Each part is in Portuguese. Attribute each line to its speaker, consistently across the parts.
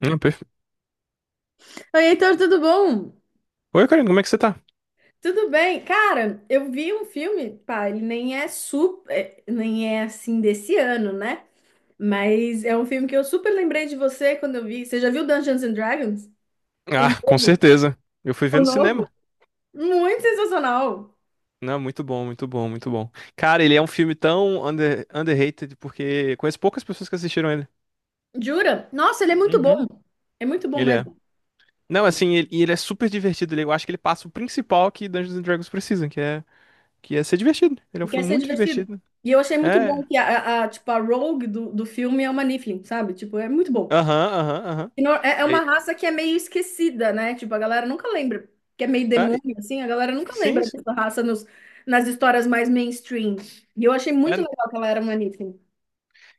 Speaker 1: Hum, perfe-
Speaker 2: Oi, Heitor, tudo bom?
Speaker 1: Oi, Karina, como é que você tá?
Speaker 2: Tudo bem? Cara, eu vi um filme, pá, ele nem é super, nem é assim desse ano, né? Mas é um filme que eu super lembrei de você quando eu vi. Você já viu Dungeons and Dragons? O
Speaker 1: Ah, com
Speaker 2: novo?
Speaker 1: certeza. Eu fui
Speaker 2: O
Speaker 1: ver no cinema.
Speaker 2: novo? Muito sensacional.
Speaker 1: Não, muito bom, muito bom, muito bom. Cara, ele é um filme tão underrated porque conheço poucas pessoas que assistiram ele.
Speaker 2: Jura? Nossa, ele é muito bom.
Speaker 1: Uhum.
Speaker 2: É muito bom
Speaker 1: Ele é.
Speaker 2: mesmo.
Speaker 1: Não, assim, ele é super divertido. Eu acho que ele passa o principal que Dungeons and Dragons precisa, que é ser divertido. Ele é um
Speaker 2: Quer
Speaker 1: filme
Speaker 2: ser
Speaker 1: muito
Speaker 2: divertido.
Speaker 1: divertido.
Speaker 2: E eu achei muito
Speaker 1: É.
Speaker 2: bom que a, tipo, a Rogue do filme é uma Niflin, sabe? Tipo, é muito bom.
Speaker 1: Aham, aham, aham.
Speaker 2: Que não- É é uma
Speaker 1: É-
Speaker 2: raça que é meio esquecida, né? Tipo, a galera nunca lembra, que é meio
Speaker 1: ah, e-
Speaker 2: demônio, assim, a galera nunca
Speaker 1: sim,
Speaker 2: lembra
Speaker 1: sim.
Speaker 2: dessa raça nas histórias mais mainstream. E eu achei muito
Speaker 1: É,
Speaker 2: legal que ela era uma Niffin.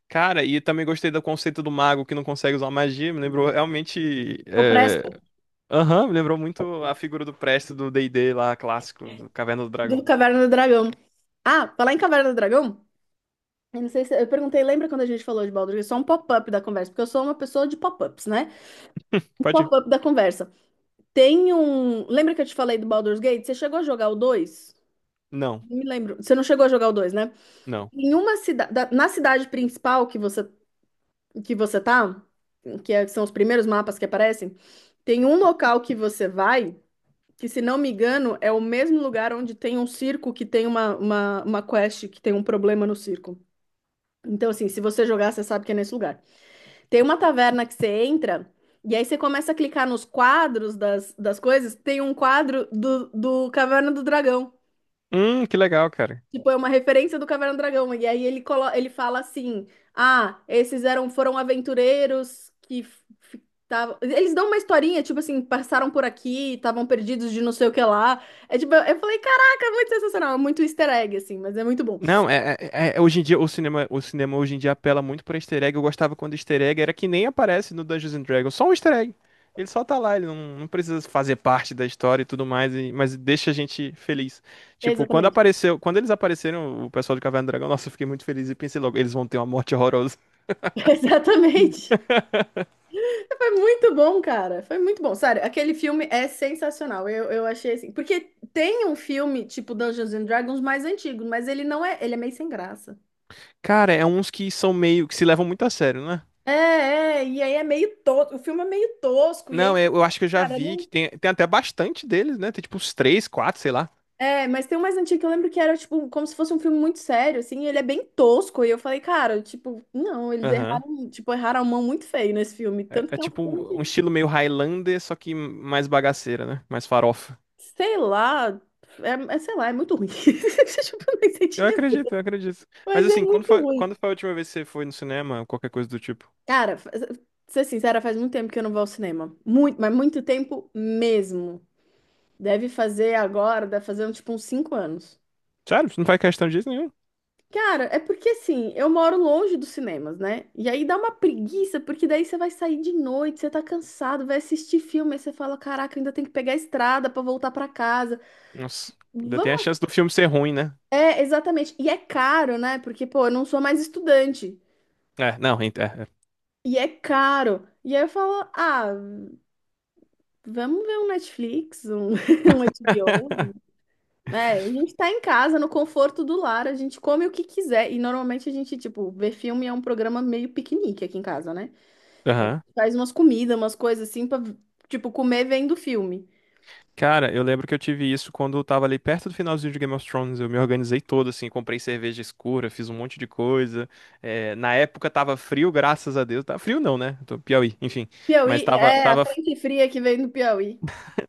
Speaker 1: cara, e também gostei do conceito do mago que não consegue usar magia. Me lembrou realmente.
Speaker 2: O Presto,
Speaker 1: Aham, me lembrou muito a figura do Presto do D&D lá, clássico, do Caverna do
Speaker 2: do
Speaker 1: Dragão.
Speaker 2: Caverna do Dragão. Ah, falar em Caverna do Dragão, eu não sei se... Eu perguntei, lembra quando a gente falou de Baldur's Gate? Só um pop-up da conversa, porque eu sou uma pessoa de pop-ups, né? Um
Speaker 1: Pode ir.
Speaker 2: pop-up da conversa. Lembra que eu te falei do Baldur's Gate? Você chegou a jogar o 2?
Speaker 1: Não,
Speaker 2: Não me lembro. Você não chegou a jogar o 2, né?
Speaker 1: não.
Speaker 2: Na cidade principal que você tá, são os primeiros mapas que aparecem, tem um local que você vai, que se não me engano é o mesmo lugar onde tem um circo que tem uma quest que tem um problema no circo. Então, assim, se você jogar, você sabe que é nesse lugar. Tem uma taverna que você entra, e aí você começa a clicar nos quadros das coisas, tem um quadro do Caverna do Dragão.
Speaker 1: Que legal, cara.
Speaker 2: Tipo, é uma referência do Caverna do Dragão. E aí ele fala assim: ah, esses eram, foram aventureiros que eles dão uma historinha, tipo assim, passaram por aqui, estavam perdidos de não sei o que lá. É tipo, eu falei, caraca, é muito sensacional, é muito easter egg, assim, mas é muito bom.
Speaker 1: Não, é, hoje em dia o cinema hoje em dia apela muito pra easter egg. Eu gostava quando easter egg era que nem aparece no Dungeons and Dragons, só um easter egg. Ele só tá lá, ele não, não precisa fazer parte da história e tudo mais, mas deixa a gente feliz. Tipo, quando
Speaker 2: Exatamente.
Speaker 1: apareceu, quando eles apareceram, o pessoal do Caverna do Dragão, nossa, eu fiquei muito feliz e pensei logo, eles vão ter uma morte horrorosa.
Speaker 2: Exatamente. Foi muito bom, cara. Foi muito bom. Sério, aquele filme é sensacional. Eu achei assim. Porque tem um filme, tipo Dungeons and Dragons, mais antigo, mas ele não é. Ele é meio sem graça.
Speaker 1: Cara, é uns que são meio que se levam muito a sério, né?
Speaker 2: É, e aí é meio tosco, o filme é meio tosco, e aí
Speaker 1: Não,
Speaker 2: você
Speaker 1: eu
Speaker 2: fala,
Speaker 1: acho que eu já
Speaker 2: cara,
Speaker 1: vi que
Speaker 2: não.
Speaker 1: tem, tem até bastante deles, né? Tem tipo uns três, quatro, sei lá.
Speaker 2: É, mas tem um mais antigo que eu lembro que era, tipo, como se fosse um filme muito sério, assim, e ele é bem tosco, e eu falei, cara, tipo, não, eles
Speaker 1: Aham.
Speaker 2: erraram, tipo, erraram a mão muito feio nesse filme,
Speaker 1: É,
Speaker 2: tanto
Speaker 1: é
Speaker 2: que é um
Speaker 1: tipo
Speaker 2: filme
Speaker 1: um
Speaker 2: que,
Speaker 1: estilo meio Highlander, só que mais bagaceira, né? Mais farofa.
Speaker 2: sei lá, sei lá, é muito ruim, tipo, eu nem sei te
Speaker 1: Eu acredito, eu
Speaker 2: dizer,
Speaker 1: acredito. Mas
Speaker 2: mas é
Speaker 1: assim,
Speaker 2: muito ruim.
Speaker 1: quando foi a última vez que você foi no cinema ou qualquer coisa do tipo?
Speaker 2: Cara, ser sincera, faz muito tempo que eu não vou ao cinema, muito, mas muito tempo mesmo, deve fazer agora, deve fazer, tipo, uns 5 anos.
Speaker 1: Sério? Você não faz questão disso nenhum?
Speaker 2: Cara, é porque assim, eu moro longe dos cinemas, né? E aí dá uma preguiça, porque daí você vai sair de noite, você tá cansado, vai assistir filme, aí você fala, caraca, ainda tem que pegar a estrada pra voltar pra casa.
Speaker 1: Nossa, ainda tem a
Speaker 2: Vamos.
Speaker 1: chance do filme ser ruim, né?
Speaker 2: É, exatamente. E é caro, né? Porque, pô, eu não sou mais estudante.
Speaker 1: É, não, ent- é. É.
Speaker 2: E é caro. E aí eu falo, ah, vamos ver um Netflix, um, um HBO, né? A gente tá em casa, no conforto do lar, a gente come o que quiser. E normalmente a gente, tipo, ver filme é um programa meio piquenique aqui em casa, né?
Speaker 1: Aham.
Speaker 2: Faz umas comidas, umas coisas assim pra, tipo, comer vem do filme.
Speaker 1: Cara, eu lembro que eu tive isso quando eu tava ali perto do finalzinho de Game of Thrones. Eu me organizei todo, assim, comprei cerveja escura, fiz um monte de coisa. É, na época tava frio, graças a Deus. Tá frio não, né? Tô Piauí, enfim.
Speaker 2: Piauí,
Speaker 1: Mas tava,
Speaker 2: é a
Speaker 1: tava,
Speaker 2: frente fria que vem do Piauí.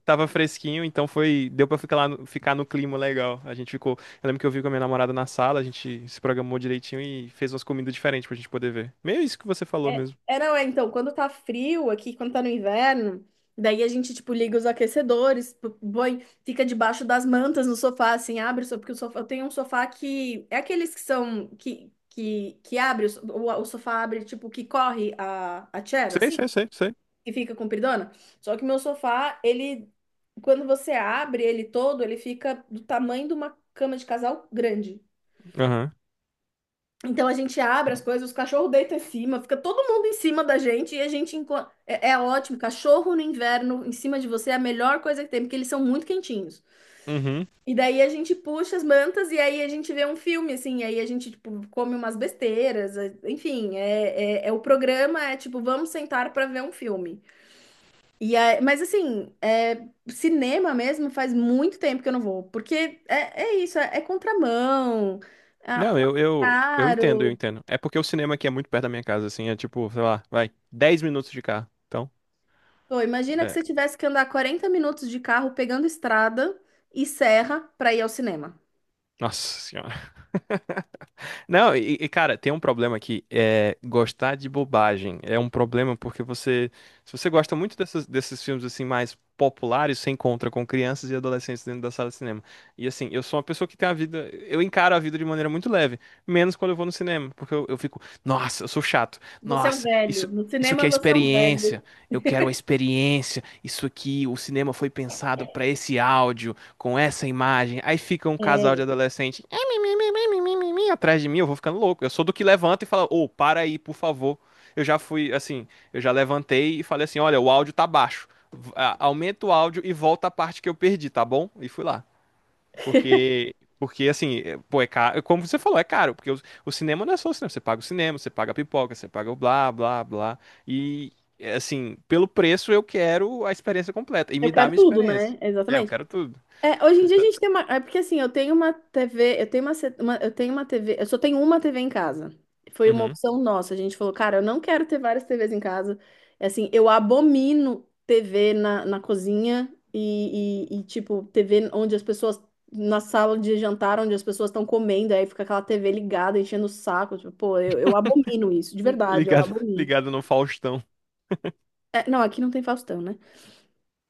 Speaker 1: tava fresquinho, então foi, deu pra ficar lá, ficar no clima legal. Eu lembro que eu vi com a minha namorada na sala, a gente se programou direitinho e fez umas comidas diferentes pra gente poder ver. Meio isso que você falou
Speaker 2: É,
Speaker 1: mesmo.
Speaker 2: é, não, é, então, quando tá frio aqui, quando tá no inverno, daí a gente, tipo, liga os aquecedores, põe, fica debaixo das mantas no sofá, assim, abre, só porque o sofá, eu tenho um sofá que, é aqueles que são, que abre, o, so- o sofá abre, tipo, que corre a chair,
Speaker 1: Sei,
Speaker 2: assim.
Speaker 1: sei, sei, sei.
Speaker 2: E fica compridona. Só que meu sofá, ele, quando você abre ele todo, ele fica do tamanho de uma cama de casal grande.
Speaker 1: Aham.
Speaker 2: Então a gente abre as coisas, os cachorros deitam em cima, fica todo mundo em cima da gente e a gente é ótimo. Cachorro no inverno em cima de você é a melhor coisa que tem, porque eles são muito quentinhos.
Speaker 1: Uhum.
Speaker 2: E daí a gente puxa as mantas e aí a gente vê um filme, assim, e aí a gente, tipo, come umas besteiras, enfim, é o programa, é tipo, vamos sentar para ver um filme. Mas assim, é, cinema mesmo faz muito tempo que eu não vou, porque é, é isso, é, é contramão, ah, pô,
Speaker 1: Não,
Speaker 2: é
Speaker 1: eu entendo, eu
Speaker 2: caro.
Speaker 1: entendo. É porque o cinema aqui é muito perto da minha casa, assim, é tipo, sei lá, vai, 10 minutos de carro. Então,
Speaker 2: Pô, imagina que
Speaker 1: é.
Speaker 2: você tivesse que andar 40 minutos de carro pegando estrada e serra para ir ao cinema.
Speaker 1: Nossa senhora. Não, cara, tem um problema aqui, é gostar de bobagem. É um problema porque se você gosta muito desses filmes assim mais populares, você encontra com crianças e adolescentes dentro da sala de cinema. E assim, eu sou uma pessoa que tem a vida, eu encaro a vida de maneira muito leve, menos quando eu vou no cinema, porque eu fico, nossa, eu sou chato.
Speaker 2: Você é um
Speaker 1: Nossa,
Speaker 2: velho.
Speaker 1: isso
Speaker 2: No
Speaker 1: Isso que
Speaker 2: cinema
Speaker 1: é
Speaker 2: você é um velho.
Speaker 1: experiência, eu quero a experiência. Isso aqui, o cinema foi pensado pra esse áudio, com essa imagem. Aí fica um casal de
Speaker 2: É,
Speaker 1: adolescente atrás de mim, eu vou ficando louco. Eu sou do que levanta e fala, ô, para aí, por favor. Eu já fui, assim, eu já levantei e falei assim, olha, o áudio tá baixo. Aumenta o áudio e volta a parte que eu perdi, tá bom? E fui lá. Porque assim, pô, é caro, como você falou, é caro, porque o cinema não é só o cinema, você paga o cinema, você paga a pipoca, você paga o blá, blá, blá. E, é, assim, pelo preço eu quero a experiência completa e
Speaker 2: eu
Speaker 1: me dá a
Speaker 2: quero
Speaker 1: minha
Speaker 2: tudo,
Speaker 1: experiência.
Speaker 2: né?
Speaker 1: É, eu
Speaker 2: Exatamente.
Speaker 1: quero tudo.
Speaker 2: É, hoje em dia a
Speaker 1: Então,
Speaker 2: gente tem uma. É porque assim, eu tenho uma TV, eu tenho uma, eu tenho uma TV, eu só tenho uma TV em casa. Foi uma
Speaker 1: uhum.
Speaker 2: opção nossa. A gente falou, cara, eu não quero ter várias TVs em casa. É, assim, eu abomino TV na cozinha tipo, TV onde as pessoas. Na sala de jantar, onde as pessoas estão comendo, aí fica aquela TV ligada, enchendo o saco. Tipo, pô, eu abomino isso, de verdade, eu
Speaker 1: Ligado,
Speaker 2: abomino.
Speaker 1: ligado no Faustão.
Speaker 2: É, não, aqui não tem Faustão, né?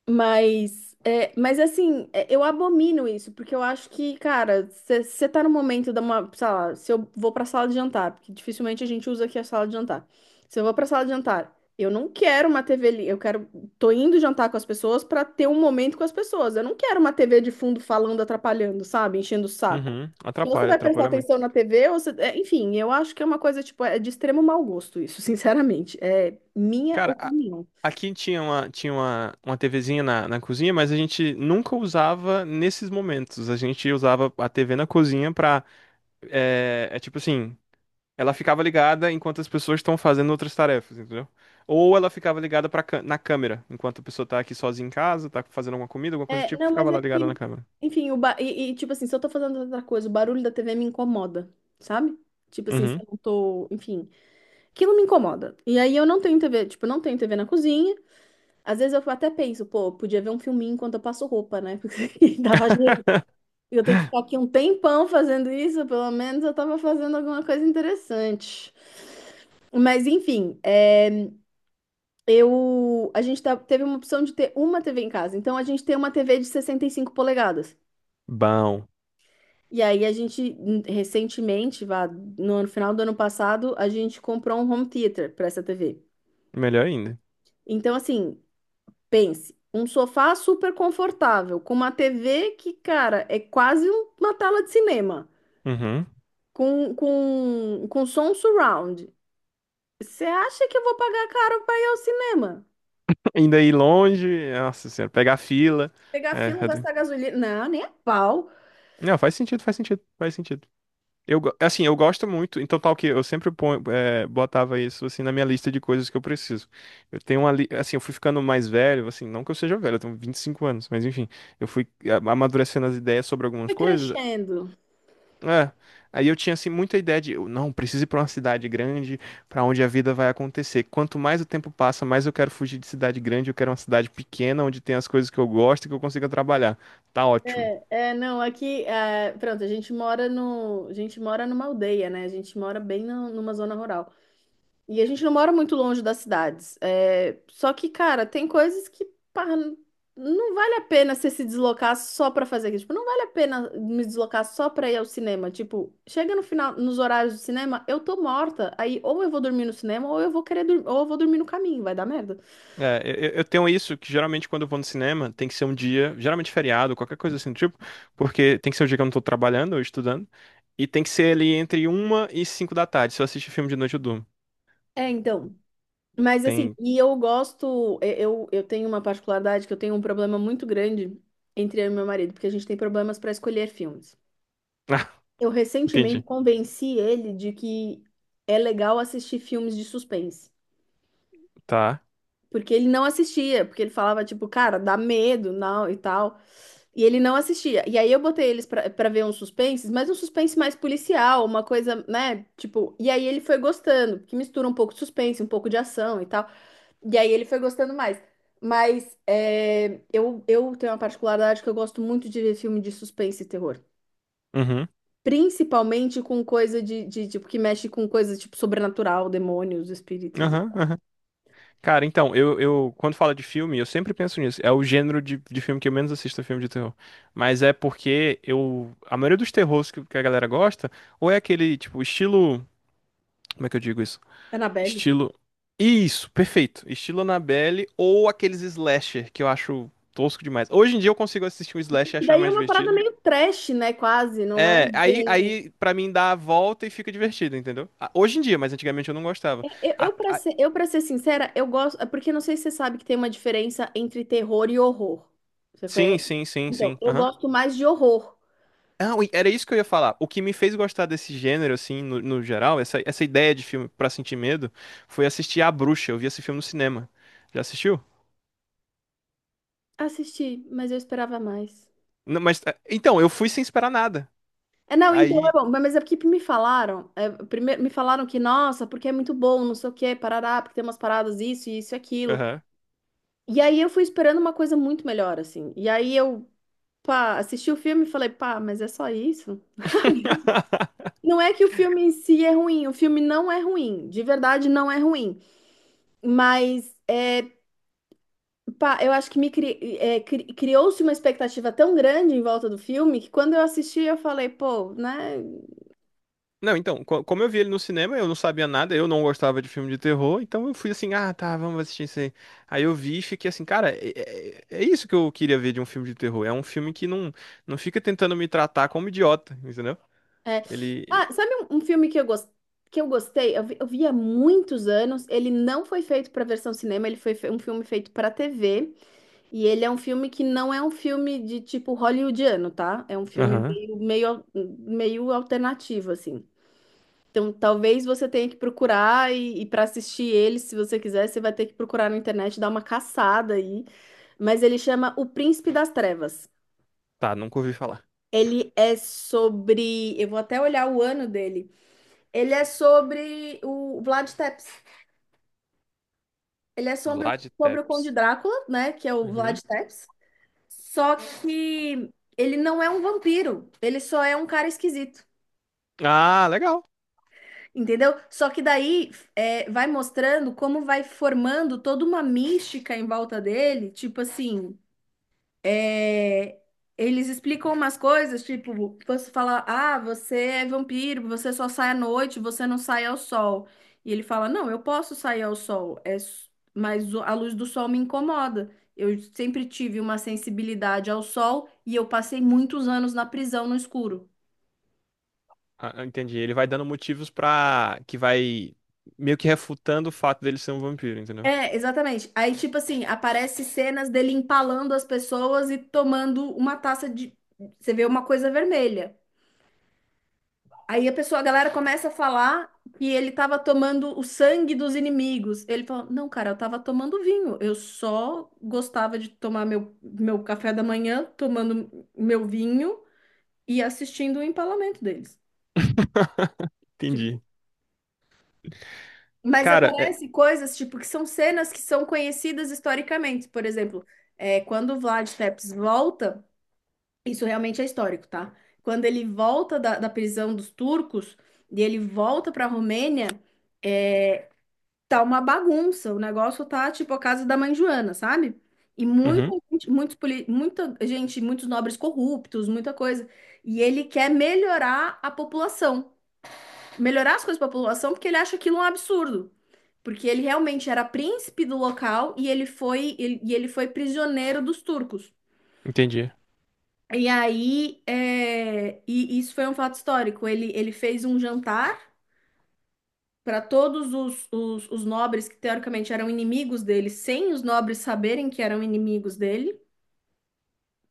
Speaker 2: Mas, é, mas assim, é, eu abomino isso, porque eu acho que, cara, você tá no momento da uma, sei lá, se eu vou pra sala de jantar, porque dificilmente a gente usa aqui a sala de jantar. Se eu vou pra sala de jantar, eu não quero uma TV ali, eu quero, tô indo jantar com as pessoas pra ter um momento com as pessoas. Eu não quero uma TV de fundo falando, atrapalhando, sabe? Enchendo o saco.
Speaker 1: Uhum,
Speaker 2: Ou você
Speaker 1: atrapalha,
Speaker 2: vai prestar
Speaker 1: atrapalha
Speaker 2: atenção
Speaker 1: muito.
Speaker 2: na TV, ou você... é, enfim, eu acho que é uma coisa, tipo, é de extremo mau gosto isso, sinceramente. É minha
Speaker 1: Cara, a-
Speaker 2: opinião.
Speaker 1: aqui uma TVzinha na cozinha, mas a gente nunca usava nesses momentos. A gente usava a TV na cozinha pra. É, é tipo assim, ela ficava ligada enquanto as pessoas estão fazendo outras tarefas, entendeu? Ou ela ficava ligada pra, na câmera, enquanto a pessoa tá aqui sozinha em casa, tá fazendo alguma comida, alguma coisa do
Speaker 2: É,
Speaker 1: tipo,
Speaker 2: não, mas
Speaker 1: ficava
Speaker 2: é
Speaker 1: lá ligada na
Speaker 2: que,
Speaker 1: câmera.
Speaker 2: enfim, tipo assim, se eu tô fazendo outra coisa, o barulho da TV me incomoda, sabe? Tipo assim, se
Speaker 1: Uhum.
Speaker 2: eu não tô, enfim, aquilo me incomoda. E aí eu não tenho TV, tipo, eu não tenho TV na cozinha. Às vezes eu até penso, pô, eu podia ver um filminho enquanto eu passo roupa, né? Porque dava jeito. Eu tenho que ficar aqui um tempão fazendo isso, pelo menos eu tava fazendo alguma coisa interessante. Mas enfim, é, eu a gente tá- teve uma opção de ter uma TV em casa. Então a gente tem uma TV de 65 polegadas.
Speaker 1: Bom,
Speaker 2: E aí a gente recentemente, vá, no final do ano passado, a gente comprou um home theater para essa TV.
Speaker 1: melhor ainda.
Speaker 2: Então assim, pense, um sofá super confortável, com uma TV que, cara, é quase uma tela de cinema,
Speaker 1: Uhum.
Speaker 2: com com som surround. Você acha que eu vou pagar caro para ir ao cinema?
Speaker 1: Ainda ir longe, nossa senhora, pegar fila.
Speaker 2: Pegar
Speaker 1: É,
Speaker 2: fila, gastar gasolina? Não, nem a pau.
Speaker 1: Não, faz sentido, faz sentido, faz sentido. Assim, eu gosto muito, então tal que eu sempre ponho, botava isso assim na minha lista de coisas que eu preciso. Eu tenho uma, li- assim, eu fui ficando mais velho, assim, não que eu seja velho, eu tenho 25 anos, mas enfim, eu fui amadurecendo as ideias sobre algumas
Speaker 2: Foi
Speaker 1: coisas.
Speaker 2: crescendo.
Speaker 1: É, aí eu tinha assim muita ideia de, eu, não, preciso ir para uma cidade grande, para onde a vida vai acontecer. Quanto mais o tempo passa, mais eu quero fugir de cidade grande, eu quero uma cidade pequena onde tem as coisas que eu gosto e que eu consiga trabalhar. Tá ótimo.
Speaker 2: É, é, não, aqui, é, pronto, a gente mora no, a gente mora numa aldeia, né? A gente mora bem numa zona rural. E a gente não mora muito longe das cidades. É, só que, cara, tem coisas que, pá, não vale a pena você se deslocar só pra fazer aquilo. Tipo, não vale a pena me deslocar só pra ir ao cinema. Tipo, chega no final, nos horários do cinema, eu tô morta. Aí ou eu vou dormir no cinema, ou eu vou querer dormir, ou eu vou dormir no caminho, vai dar merda.
Speaker 1: É, eu tenho isso que geralmente quando eu vou no cinema tem que ser um dia, geralmente feriado, qualquer coisa assim do tipo, porque tem que ser o dia que eu não tô trabalhando ou estudando, e tem que ser ali entre uma e cinco da tarde. Se eu assistir filme de noite, eu durmo.
Speaker 2: É, então. Mas assim,
Speaker 1: Tem.
Speaker 2: e eu gosto, eu tenho uma particularidade que eu tenho um problema muito grande entre eu e meu marido, porque a gente tem problemas para escolher filmes.
Speaker 1: Ah,
Speaker 2: Eu recentemente
Speaker 1: entendi.
Speaker 2: convenci ele de que é legal assistir filmes de suspense,
Speaker 1: Tá.
Speaker 2: porque ele não assistia, porque ele falava tipo, cara, dá medo, não, e tal, e ele não assistia. E aí eu botei eles para ver uns suspenses, mas um suspense mais policial, uma coisa, né, tipo, e aí ele foi gostando, que mistura um pouco de suspense, um pouco de ação e tal. E aí ele foi gostando mais. Mas é, eu tenho uma particularidade que eu gosto muito de ver filme de suspense e terror.
Speaker 1: Uhum.
Speaker 2: Principalmente com coisa tipo, que mexe com coisa, tipo, sobrenatural, demônios, espíritos.
Speaker 1: Aham, aham. Cara, então, quando fala de filme, eu sempre penso nisso. É o gênero de filme que eu menos assisto, é filme de terror. Mas é porque eu, a maioria dos terrores que a galera gosta, ou é aquele, tipo, estilo, como é que eu digo isso?
Speaker 2: Annabelle.
Speaker 1: Estilo. Isso, perfeito. Estilo Annabelle ou aqueles slasher que eu acho tosco demais. Hoje em dia eu consigo assistir um slasher e
Speaker 2: E
Speaker 1: achar
Speaker 2: daí é
Speaker 1: mais
Speaker 2: uma parada
Speaker 1: divertido.
Speaker 2: meio trash, né? Quase, não é
Speaker 1: É,
Speaker 2: bem...
Speaker 1: aí para mim dá a volta e fica divertido, entendeu? Ah, hoje em dia, mas antigamente eu não gostava. A- a-
Speaker 2: Para ser sincera, eu gosto... É porque não sei se você sabe que tem uma diferença entre terror e horror. Você
Speaker 1: sim,
Speaker 2: conhece?
Speaker 1: sim, sim,
Speaker 2: Então,
Speaker 1: sim.
Speaker 2: eu
Speaker 1: Aham.
Speaker 2: gosto mais de horror.
Speaker 1: Ah, ui, era isso que eu ia falar. O que me fez gostar desse gênero, assim, no geral, essa ideia de filme pra sentir medo, foi assistir A Bruxa. Eu vi esse filme no cinema. Já assistiu?
Speaker 2: Assisti, mas eu esperava mais.
Speaker 1: Não, mas, é, então, eu fui sem esperar nada.
Speaker 2: É, não, então é
Speaker 1: Aí.
Speaker 2: bom, mas é porque me falaram, primeiro me falaram que, nossa, porque é muito bom, não sei o quê, parará, porque tem umas paradas isso, isso e aquilo.
Speaker 1: Aham.
Speaker 2: E aí eu fui esperando uma coisa muito melhor, assim. E aí eu, pá, assisti o filme e falei, pá, mas é só isso? Não é que o filme em si é ruim, o filme não é ruim, de verdade não é ruim. Mas, pá, eu acho que me cri- é, cri- criou-se uma expectativa tão grande em volta do filme que quando eu assisti eu falei, pô, né?
Speaker 1: Não, então, como eu vi ele no cinema, eu não sabia nada, eu não gostava de filme de terror, então eu fui assim, ah, tá, vamos assistir isso aí. Aí eu vi e fiquei assim, cara, é isso que eu queria ver de um filme de terror. É um filme que não, não fica tentando me tratar como idiota, entendeu?
Speaker 2: É.
Speaker 1: Ele.
Speaker 2: Ah, sabe um filme que que eu gostei? Eu vi há muitos anos. Ele não foi feito para versão cinema, um filme feito para TV. E ele é um filme que não é um filme de tipo hollywoodiano, tá? É um filme
Speaker 1: Aham.
Speaker 2: meio, meio alternativo, assim. Então, talvez você tenha que procurar e para assistir ele, se você quiser, você vai ter que procurar na internet, dar uma caçada aí. Mas ele chama O Príncipe das Trevas.
Speaker 1: Tá, nunca ouvi falar.
Speaker 2: Ele é sobre. Eu vou até olhar o ano dele. Ele é sobre o Vlad Tepes. Ele é sobre,
Speaker 1: Vlad
Speaker 2: sobre o Conde
Speaker 1: Tepes.
Speaker 2: Drácula, né? Que é o Vlad
Speaker 1: Uhum.
Speaker 2: Tepes. Só que ele não é um vampiro. Ele só é um cara esquisito.
Speaker 1: Ah, legal.
Speaker 2: Entendeu? Só que daí vai mostrando como vai formando toda uma mística em volta dele. Tipo assim. é, eles explicam umas coisas, tipo, você fala, ah, você é vampiro, você só sai à noite, você não sai ao sol. E ele fala, não, eu posso sair ao sol, mas a luz do sol me incomoda. Eu sempre tive uma sensibilidade ao sol e eu passei muitos anos na prisão no escuro.
Speaker 1: Ah, ah, entendi. Ele vai dando motivos pra. Que vai meio que refutando o fato dele ser um vampiro, entendeu?
Speaker 2: É, exatamente. Aí, tipo assim, aparece cenas dele empalando as pessoas e tomando uma taça de. Você vê uma coisa vermelha. Aí a pessoa, a galera começa a falar que ele estava tomando o sangue dos inimigos. Ele falou: Não, cara, eu estava tomando vinho. Eu só gostava de tomar meu café da manhã, tomando meu vinho e assistindo o empalamento deles. Tipo,
Speaker 1: Entendi.
Speaker 2: mas
Speaker 1: Cara, é.
Speaker 2: aparecem coisas tipo que são cenas que são conhecidas historicamente. Por exemplo, quando o Vlad Tepes volta, isso realmente é histórico, tá? Quando ele volta da prisão dos turcos e ele volta para a Romênia. É, tá uma bagunça, o negócio tá tipo a casa da mãe Joana, sabe? E muita
Speaker 1: Uhum,
Speaker 2: gente, muita gente, muitos nobres corruptos, muita coisa. E ele quer melhorar a população, melhorar as coisas para a população, porque ele acha aquilo um absurdo. Porque ele realmente era príncipe do local e e ele foi prisioneiro dos turcos.
Speaker 1: entendi.
Speaker 2: E aí, e isso foi um fato histórico. Ele fez um jantar para todos os nobres que teoricamente eram inimigos dele, sem os nobres saberem que eram inimigos dele.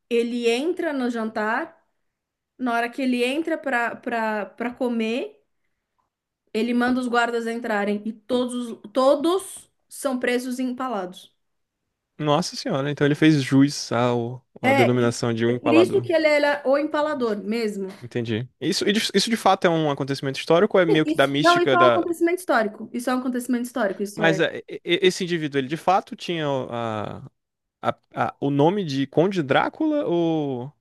Speaker 2: Ele entra no jantar, na hora que ele entra para comer, ele manda os guardas entrarem e todos são presos e empalados.
Speaker 1: Nossa senhora, então ele fez jus ao, à
Speaker 2: É, e
Speaker 1: denominação de um
Speaker 2: é por isso
Speaker 1: empalador.
Speaker 2: que ele era o empalador mesmo.
Speaker 1: Entendi. Isso, e isso de fato é um acontecimento histórico ou é meio que da
Speaker 2: Não, isso
Speaker 1: mística
Speaker 2: é um
Speaker 1: da.
Speaker 2: acontecimento histórico. Isso é um acontecimento histórico, isso é.
Speaker 1: Mas é, esse indivíduo, ele de fato tinha a- o nome de Conde Drácula ou.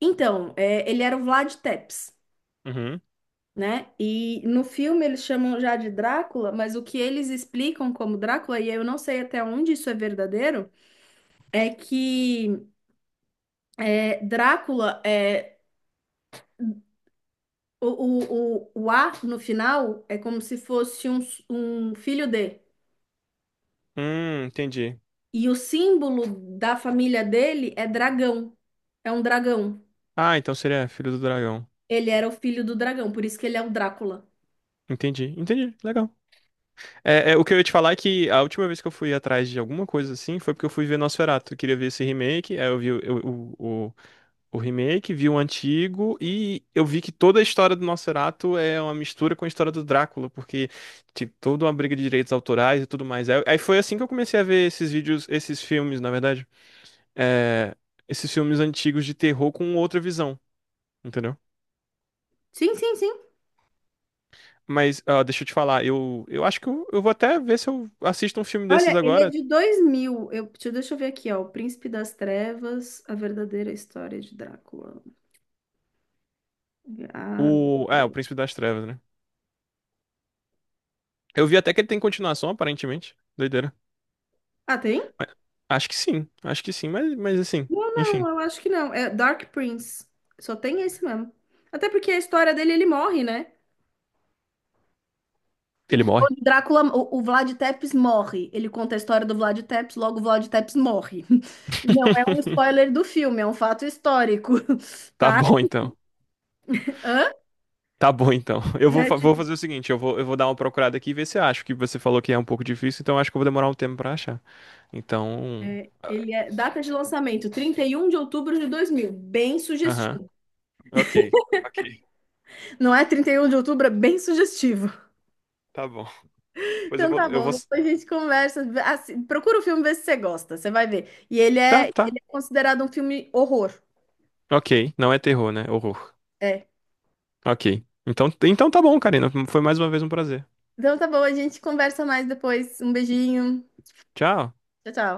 Speaker 2: Então, ele era o Vlad Tepes.
Speaker 1: Uhum.
Speaker 2: Né? E no filme eles chamam já de Drácula, mas o que eles explicam como Drácula, e eu não sei até onde isso é verdadeiro, é que Drácula é o A no final é como se fosse um filho de.
Speaker 1: Entendi.
Speaker 2: E o símbolo da família dele é dragão. É um dragão.
Speaker 1: Ah, então seria Filho do Dragão.
Speaker 2: Ele era o filho do dragão, por isso que ele é o Drácula.
Speaker 1: Entendi, entendi. Legal. É, é, o que eu ia te falar é que a última vez que eu fui atrás de alguma coisa assim foi porque eu fui ver Nosferatu. Eu queria ver esse remake, aí eu vi o remake, vi o antigo e eu vi que toda a história do Nosferatu é uma mistura com a história do Drácula, porque tipo, toda uma briga de direitos autorais e tudo mais. Aí foi assim que eu comecei a ver esses vídeos, esses filmes, na verdade, é, esses filmes antigos de terror com outra visão, entendeu?
Speaker 2: Sim, sim, sim.
Speaker 1: Mas ah, deixa eu te falar, eu vou até ver se eu assisto um filme desses
Speaker 2: Olha, ele é
Speaker 1: agora,
Speaker 2: de 2000. Eu, deixa deixa eu ver aqui, ó. O Príncipe das Trevas, A Verdadeira História de Drácula. Ah,
Speaker 1: o Príncipe das Trevas, né? Eu vi até que ele tem continuação, aparentemente. Doideira.
Speaker 2: ah, tem?
Speaker 1: Mas acho que sim, acho que sim, mas assim,
Speaker 2: Não, não,
Speaker 1: enfim,
Speaker 2: eu acho que não. É Dark Prince. Só tem esse mesmo. Até porque a história dele, ele morre, né?
Speaker 1: ele morre.
Speaker 2: Quando Drácula, o Vlad Tepes morre. Ele conta a história do Vlad Tepes, logo o Vlad Tepes morre. Não é um spoiler do filme, é um fato histórico.
Speaker 1: Tá bom então.
Speaker 2: Hã?
Speaker 1: Tá bom então. Eu vou,
Speaker 2: É,
Speaker 1: vou
Speaker 2: tipo,
Speaker 1: fazer o seguinte, eu vou dar uma procurada aqui e ver se eu acho que você falou que é um pouco difícil, então eu acho que eu vou demorar um tempo pra achar. Então,
Speaker 2: ele é data de lançamento, 31 de outubro de 2000. Bem
Speaker 1: aham.
Speaker 2: sugestivo.
Speaker 1: OK. OK.
Speaker 2: Não é 31 de outubro, é bem sugestivo.
Speaker 1: Tá bom. Pois
Speaker 2: Então tá
Speaker 1: eu
Speaker 2: bom,
Speaker 1: vou
Speaker 2: depois a gente conversa. Procura o filme, vê se você gosta, você vai ver. E ele é,
Speaker 1: Tá, tá.
Speaker 2: ele é considerado um filme horror.
Speaker 1: OK. Não é terror, né? Horror.
Speaker 2: É.
Speaker 1: OK. Então, então tá bom, Karina. Foi mais uma vez um prazer.
Speaker 2: Então tá bom, a gente conversa mais depois. Um beijinho.
Speaker 1: Tchau.
Speaker 2: Tchau, tchau.